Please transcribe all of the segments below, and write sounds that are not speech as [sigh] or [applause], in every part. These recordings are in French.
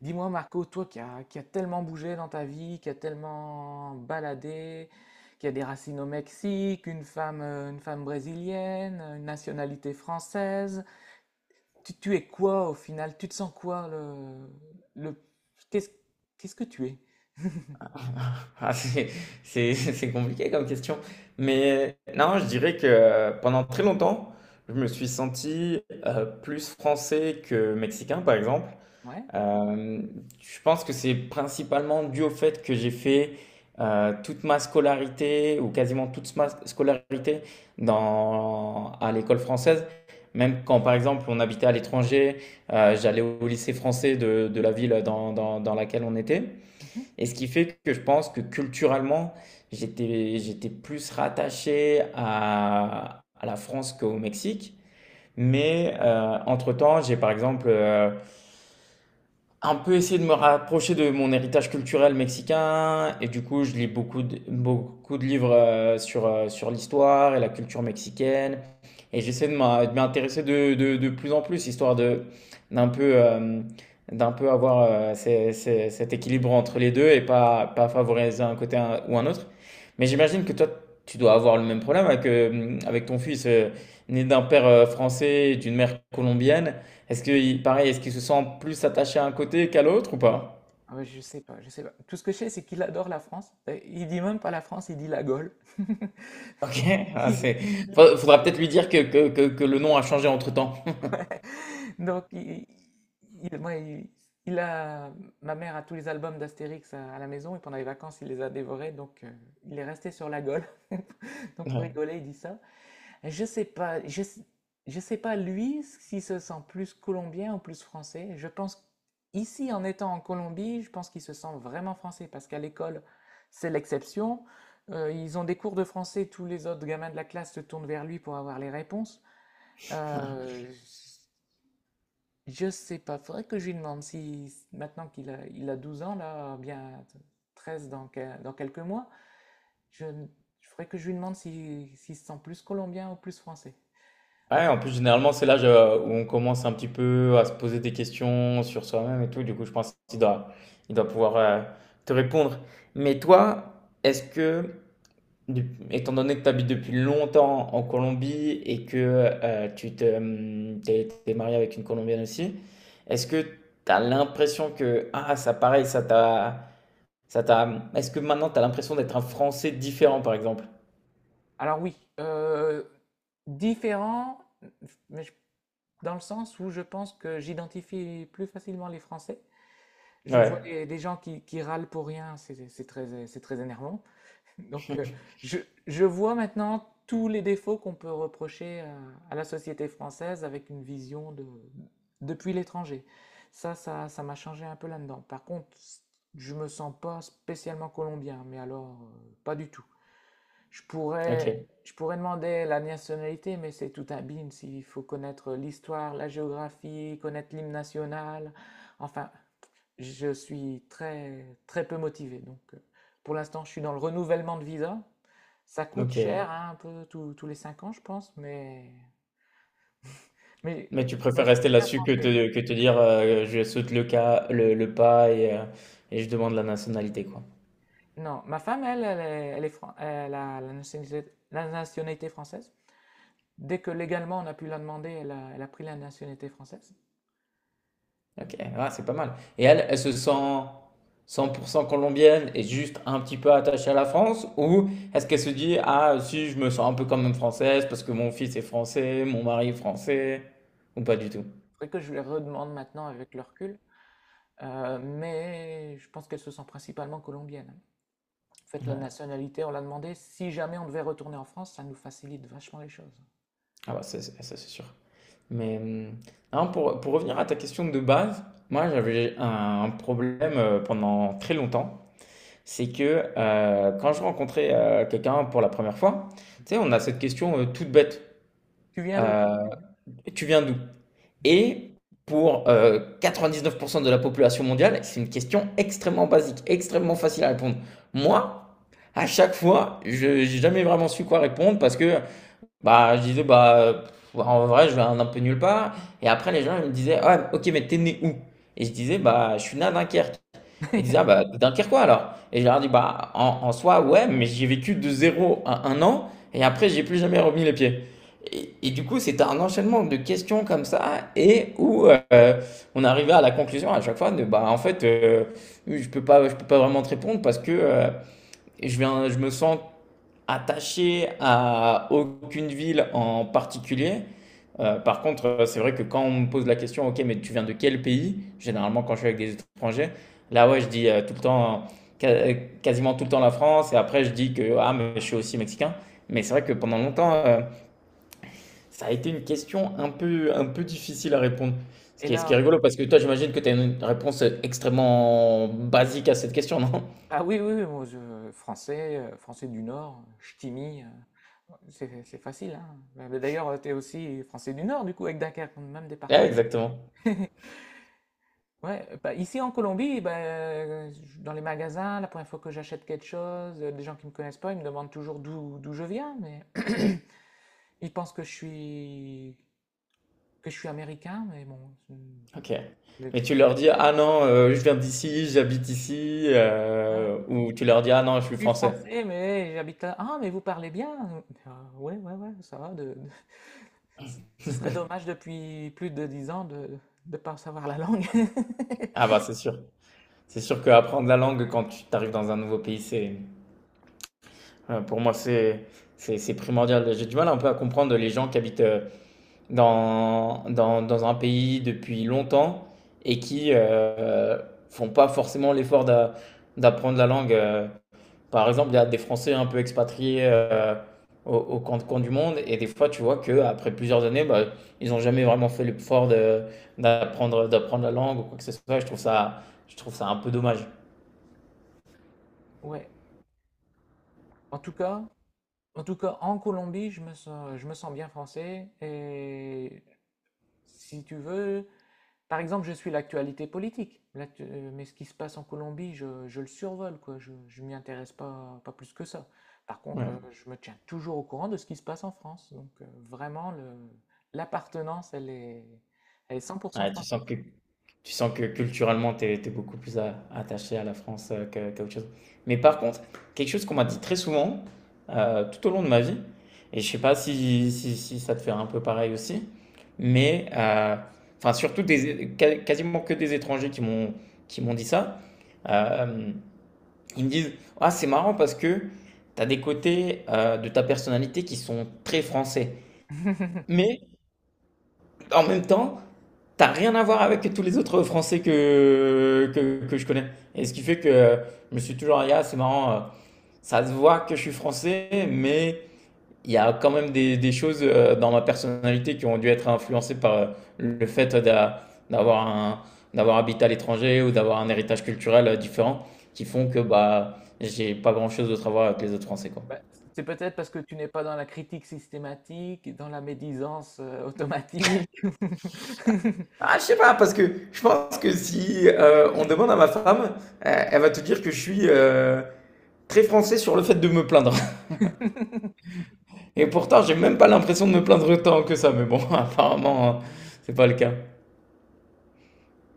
Dis-moi Marco, toi qui a tellement bougé dans ta vie, qui a tellement baladé, qui a des racines au Mexique, une femme brésilienne, une nationalité française, tu es quoi au final? Tu te sens quoi le, qu'est-ce, qu'est-ce que tu es? [laughs] Ah, c'est compliqué comme question. Mais non, je dirais que pendant très longtemps, je me suis senti plus français que mexicain, par exemple. Ouais? Euh, je pense que c'est principalement dû au fait que j'ai fait toute ma scolarité, ou quasiment toute ma scolarité, à l'école française. Même quand, par exemple, on habitait à l'étranger, j'allais au lycée français de la ville dans laquelle on était. Mhm. Et ce qui fait que je pense que culturellement, j'étais plus rattaché à la France qu'au Mexique. Mais entre-temps, j'ai par exemple un peu essayer de me rapprocher de mon héritage culturel mexicain. Et du coup, je lis beaucoup de livres sur l'histoire et la culture mexicaine. Et j'essaie de de m'y de plus en plus, histoire de, d'un peu, euh, d'un peu avoir cet équilibre entre les deux et pas favoriser un côté ou un autre. Mais j'imagine que toi, tu dois avoir le même problème avec ton fils, né d'un père français et d'une mère colombienne. Est-ce que, pareil, est-ce qu'il se sent plus attaché à un côté qu'à l'autre ou pas? Ah ouais, je sais pas, je sais pas. Tout ce que je sais, c'est qu'il adore la France. Il dit même pas la France, il dit la Gaule. [laughs] OK, [laughs] ah, c'est fa faudra peut-être lui dire que le nom a changé entre-temps. [laughs] Donc, ouais, il a, ma mère a tous les albums d'Astérix à la maison et pendant les vacances, il les a dévorés. Donc, il est resté sur la gaule. [laughs] Donc, pour rigoler, il dit ça. Et je sais pas, je sais pas lui s'il se sent plus colombien ou plus français. Je pense ici, en étant en Colombie, je pense qu'il se sent vraiment français parce qu'à l'école, c'est l'exception. Ils ont des cours de français, tous les autres gamins de la classe se tournent vers lui pour avoir les réponses. Ouais, Euh, je sais pas, faudrait que je lui demande si maintenant qu'il a 12 ans, là, bien 13 dans quelques mois, je, je faudrait que je lui demande si, s'il se sent plus colombien ou plus français. En ouais, tout- en plus, généralement, c'est l'âge, où on commence un petit peu à se poser des questions sur soi-même et tout. Du coup, je pense qu'il doit pouvoir, te répondre. Mais toi, est-ce que Étant donné que tu habites depuis longtemps en Colombie et que t'es marié avec une Colombienne aussi, est-ce que tu as l'impression que, ah, ça pareil, est-ce que maintenant tu as l'impression d'être un Français différent, par exemple? alors oui, différent, mais dans le sens où je pense que j'identifie plus facilement les Français. Je vois Ouais, les gens qui râlent pour rien, c'est très énervant. Donc, je, je vois maintenant tous les défauts qu'on peut reprocher à la société française avec une vision depuis l'étranger. Ça m'a changé un peu là-dedans. Par contre, je me sens pas spécialement colombien, mais alors, pas du tout. Je pourrais, ok, je pourrais demander la nationalité, mais c'est tout un bin s'il faut connaître l'histoire, la géographie, connaître l'hymne national. Enfin, je suis très, très peu motivé. Donc, pour l'instant, je suis dans le renouvellement de visa. Ça coûte ok. cher, hein, un peu tous les 5 ans, je pense, mais, Mais tu je me préfères sens rester bien là-dessus français. Que te dire, je saute le pas et je demande la nationalité, quoi. Non, ma femme, elle a la nationalité française. Dès que légalement on a pu la demander, elle a pris la nationalité française. Ok, ah, c'est pas mal. Et elle se sent 100% colombienne et juste un petit peu attachée à la France? Ou est-ce qu'elle se dit, ah, si, je me sens un peu quand même française parce que mon fils est français, mon mari est français? Ou pas du tout? Faudrait que je lui redemande maintenant avec le recul. Mais je pense qu'elle se sent principalement colombienne, hein. En fait, la Ouais. nationalité, on l'a demandé. Si jamais on devait retourner en France, ça nous facilite vachement les choses. Ah, bah, ça, c'est sûr. Mais non, pour revenir à ta question de base, moi, j'avais un problème pendant très longtemps. C'est que quand je rencontrais quelqu'un pour la première fois, tu sais, Mhm. on a cette question toute bête. Tu viens d'où? Euh, tu viens d'où? Et pour 99% de la population mondiale, c'est une question extrêmement basique, extrêmement facile à répondre. Moi, à chaque fois, je n'ai jamais vraiment su quoi répondre parce que bah, je disais, bah, en vrai, je vais un peu nulle part. Et après, les gens ils me disaient, ah, ok, mais t'es né où? Et je disais, bah, je suis né à Dunkerque. Ils disaient, ah [laughs] bah, Dunkerquois alors. Et je leur ai dit bah, en soi, ouais, mais j'ai vécu de 0 à 1 an, et après, j'ai plus jamais remis les pieds. Et du coup, c'était un enchaînement de questions comme ça, et où on arrivait à la conclusion à chaque fois de, bah, en fait, je peux pas vraiment te répondre parce que je me sens attaché à aucune ville en particulier. Par contre, c'est vrai que quand on me pose la question, ok, mais tu viens de quel pays? Généralement, quand je suis avec des étrangers, là, ouais, je dis tout le temps, ca- quasiment tout le temps la France, et après, je dis que ah, mais je suis aussi mexicain. Mais c'est vrai que pendant longtemps, ça a été une question un peu difficile à répondre. Ce Et qui est, ce là, qui est rigolo, parce que toi, j'imagine que tu as une réponse extrêmement basique à cette question, non? [laughs] ah oui, oui, oui, moi, français, français du Nord, ch'timi, c'est facile, hein. Mais d'ailleurs, tu es aussi français du Nord, du coup, avec Dunkerque, même Ouais, département. exactement. [laughs] Ouais, bah, ici en Colombie, bah, dans les magasins, la première fois que j'achète quelque chose, des gens qui me connaissent pas, ils me demandent toujours d'où je viens, mais [clears throat] ils pensent que je suis américain, mais bon, Ok. mais, Mais tu leur dis, ah non, je viens d'ici, j'habite ici, ouais, ou tu leur dis, ah non, je suis je suis français. français, mais j'habite là. Ah, mais vous parlez bien? Ah, ouais, ouais, ouais, ça va. Ce serait dommage depuis plus de 10 ans de ne pas savoir la langue. Ah [laughs] bah c'est sûr. C'est sûr qu'apprendre la langue quand tu arrives dans un nouveau pays, c'est, pour moi, c'est primordial. J'ai du mal un peu à comprendre les gens qui habitent dans un pays depuis longtemps et qui font pas forcément l'effort d'apprendre la langue. Par exemple, il y a des Français un peu expatriés au camp de coin du monde, et des fois, tu vois qu'après plusieurs années, bah, ils n'ont jamais vraiment fait l'effort d'apprendre la langue ou quoi que ce soit. Je trouve ça un peu dommage. Ouais. En tout cas, en tout cas, en Colombie, je me sens bien français. Et si tu veux, par exemple, je suis l'actualité politique, mais ce qui se passe en Colombie, je le survole, quoi. Je m'y intéresse pas plus que ça. Par contre, Ouais. Je me tiens toujours au courant de ce qui se passe en France. Donc, vraiment, l'appartenance, elle est 100% Ouais, tu française. sens que Tu sens que culturellement, tu es, beaucoup plus attaché à la France qu'à autre chose. Mais par contre, quelque chose qu'on m'a dit très souvent tout au long de ma vie, et je sais pas si ça te fait un peu pareil aussi, mais enfin surtout quasiment que des étrangers qui m'ont dit ça. Euh, ils me disent, ah c'est marrant parce que tu as des côtés de ta personnalité qui sont très français. [laughs] Mais en même temps, t'as rien à voir avec tous les autres Français que je connais. Et ce qui fait que je me suis toujours dit, ah, c'est marrant, ça se voit que je suis Français, mais il y a quand même des choses dans ma personnalité qui ont dû être influencées par le fait d'avoir un, d'avoir habité à l'étranger ou d'avoir un héritage culturel différent qui font que bah, j'ai pas grand-chose d'autre à voir avec les autres Français, quoi. Bah, c'est peut-être parce que tu n'es pas dans la critique systématique, dans la médisance automatique. Ah, je sais pas, parce que je pense que si on demande à ma femme, elle va te dire que je suis très français sur le fait de me plaindre. [laughs] Et pourtant, j'ai même pas l'impression de me plaindre tant que ça, mais bon, [laughs] apparemment, c'est pas le cas.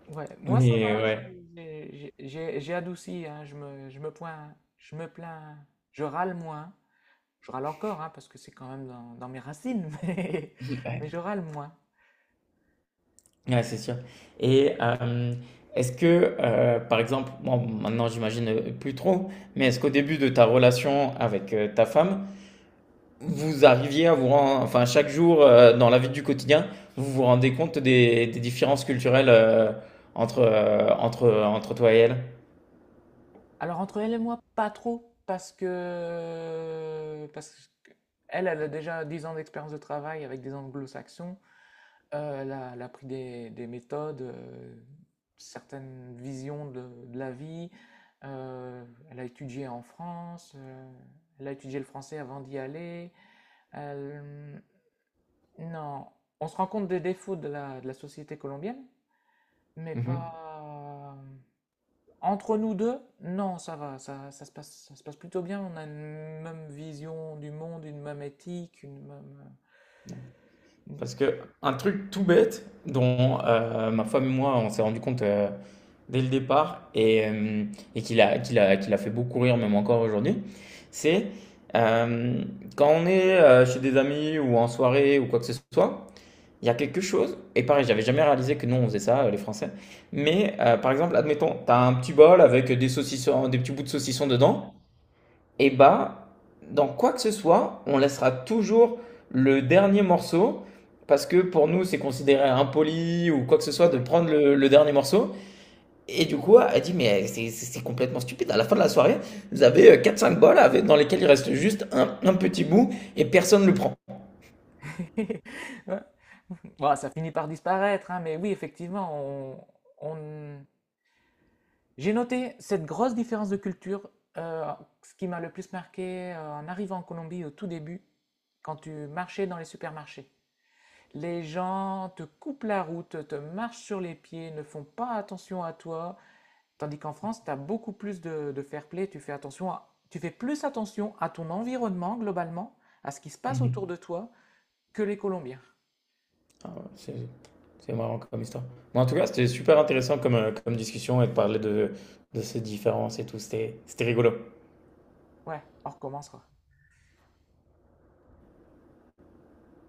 Ouais, moi ça va, Mais ouais, j'ai adouci, hein, je me plains, je râle moins. Je râle encore, hein, parce que c'est quand même dans mes racines, [laughs] mais, je ouais, râle moins. [laughs] ouais, c'est sûr. Et est-ce que, par exemple, bon, maintenant j'imagine plus trop, mais est-ce qu'au début de ta relation avec ta femme, vous arriviez à vous rendre, enfin chaque jour dans la vie du quotidien, vous vous rendez compte des différences culturelles entre toi et elle? Alors entre elle et moi, pas trop, parce que elle a déjà 10 ans d'expérience de travail avec des anglo-saxons. Elle a pris des méthodes, certaines visions de la vie. Euh, elle a étudié en France. Elle a étudié le français avant d'y aller. Elle- Non, on se rend compte des défauts de la société colombienne, mais Mhm. pas. Entre nous deux, non, ça va, ça, ça se passe plutôt bien. On a une même vision du monde, une même éthique, une même. euh, une- Parce que un truc tout bête dont ma femme et moi on s'est rendu compte dès le départ et qu'il a fait beaucoup rire même encore aujourd'hui, c'est euh, quand on est chez des amis ou en soirée ou quoi que ce soit, il y a quelque chose, et pareil, j'avais jamais réalisé que nous on faisait ça, les Français, mais par exemple, admettons, t'as un petit bol avec des saucissons, des petits bouts de saucisson dedans, et bah, dans quoi que ce soit, on laissera toujours le dernier morceau parce que pour nous, c'est considéré impoli ou quoi que ce soit de prendre le dernier morceau. Et du coup, elle dit, mais c'est complètement stupide. À la fin de la soirée, vous avez quatre cinq bols avec, dans lesquels il reste juste un petit bout et personne ne le prend. [laughs] Ouais, bah, ça finit par disparaître, hein, mais oui, effectivement, on, on- j'ai noté cette grosse différence de culture. euh, ce qui m'a le plus marqué en arrivant en Colombie au tout début, quand tu marchais dans les supermarchés. Les gens te coupent la route, te marchent sur les pieds, ne font pas attention à toi, tandis qu'en France, tu as beaucoup plus de fair play, tu fais plus attention à ton environnement globalement, à ce qui se passe autour de Mhm. toi, que les Colombiens. Ah ouais, C'est marrant comme histoire. Mais en tout cas, c'était super intéressant comme discussion et de parler de ces différences et tout. C'était rigolo. Ouais, on recommencera.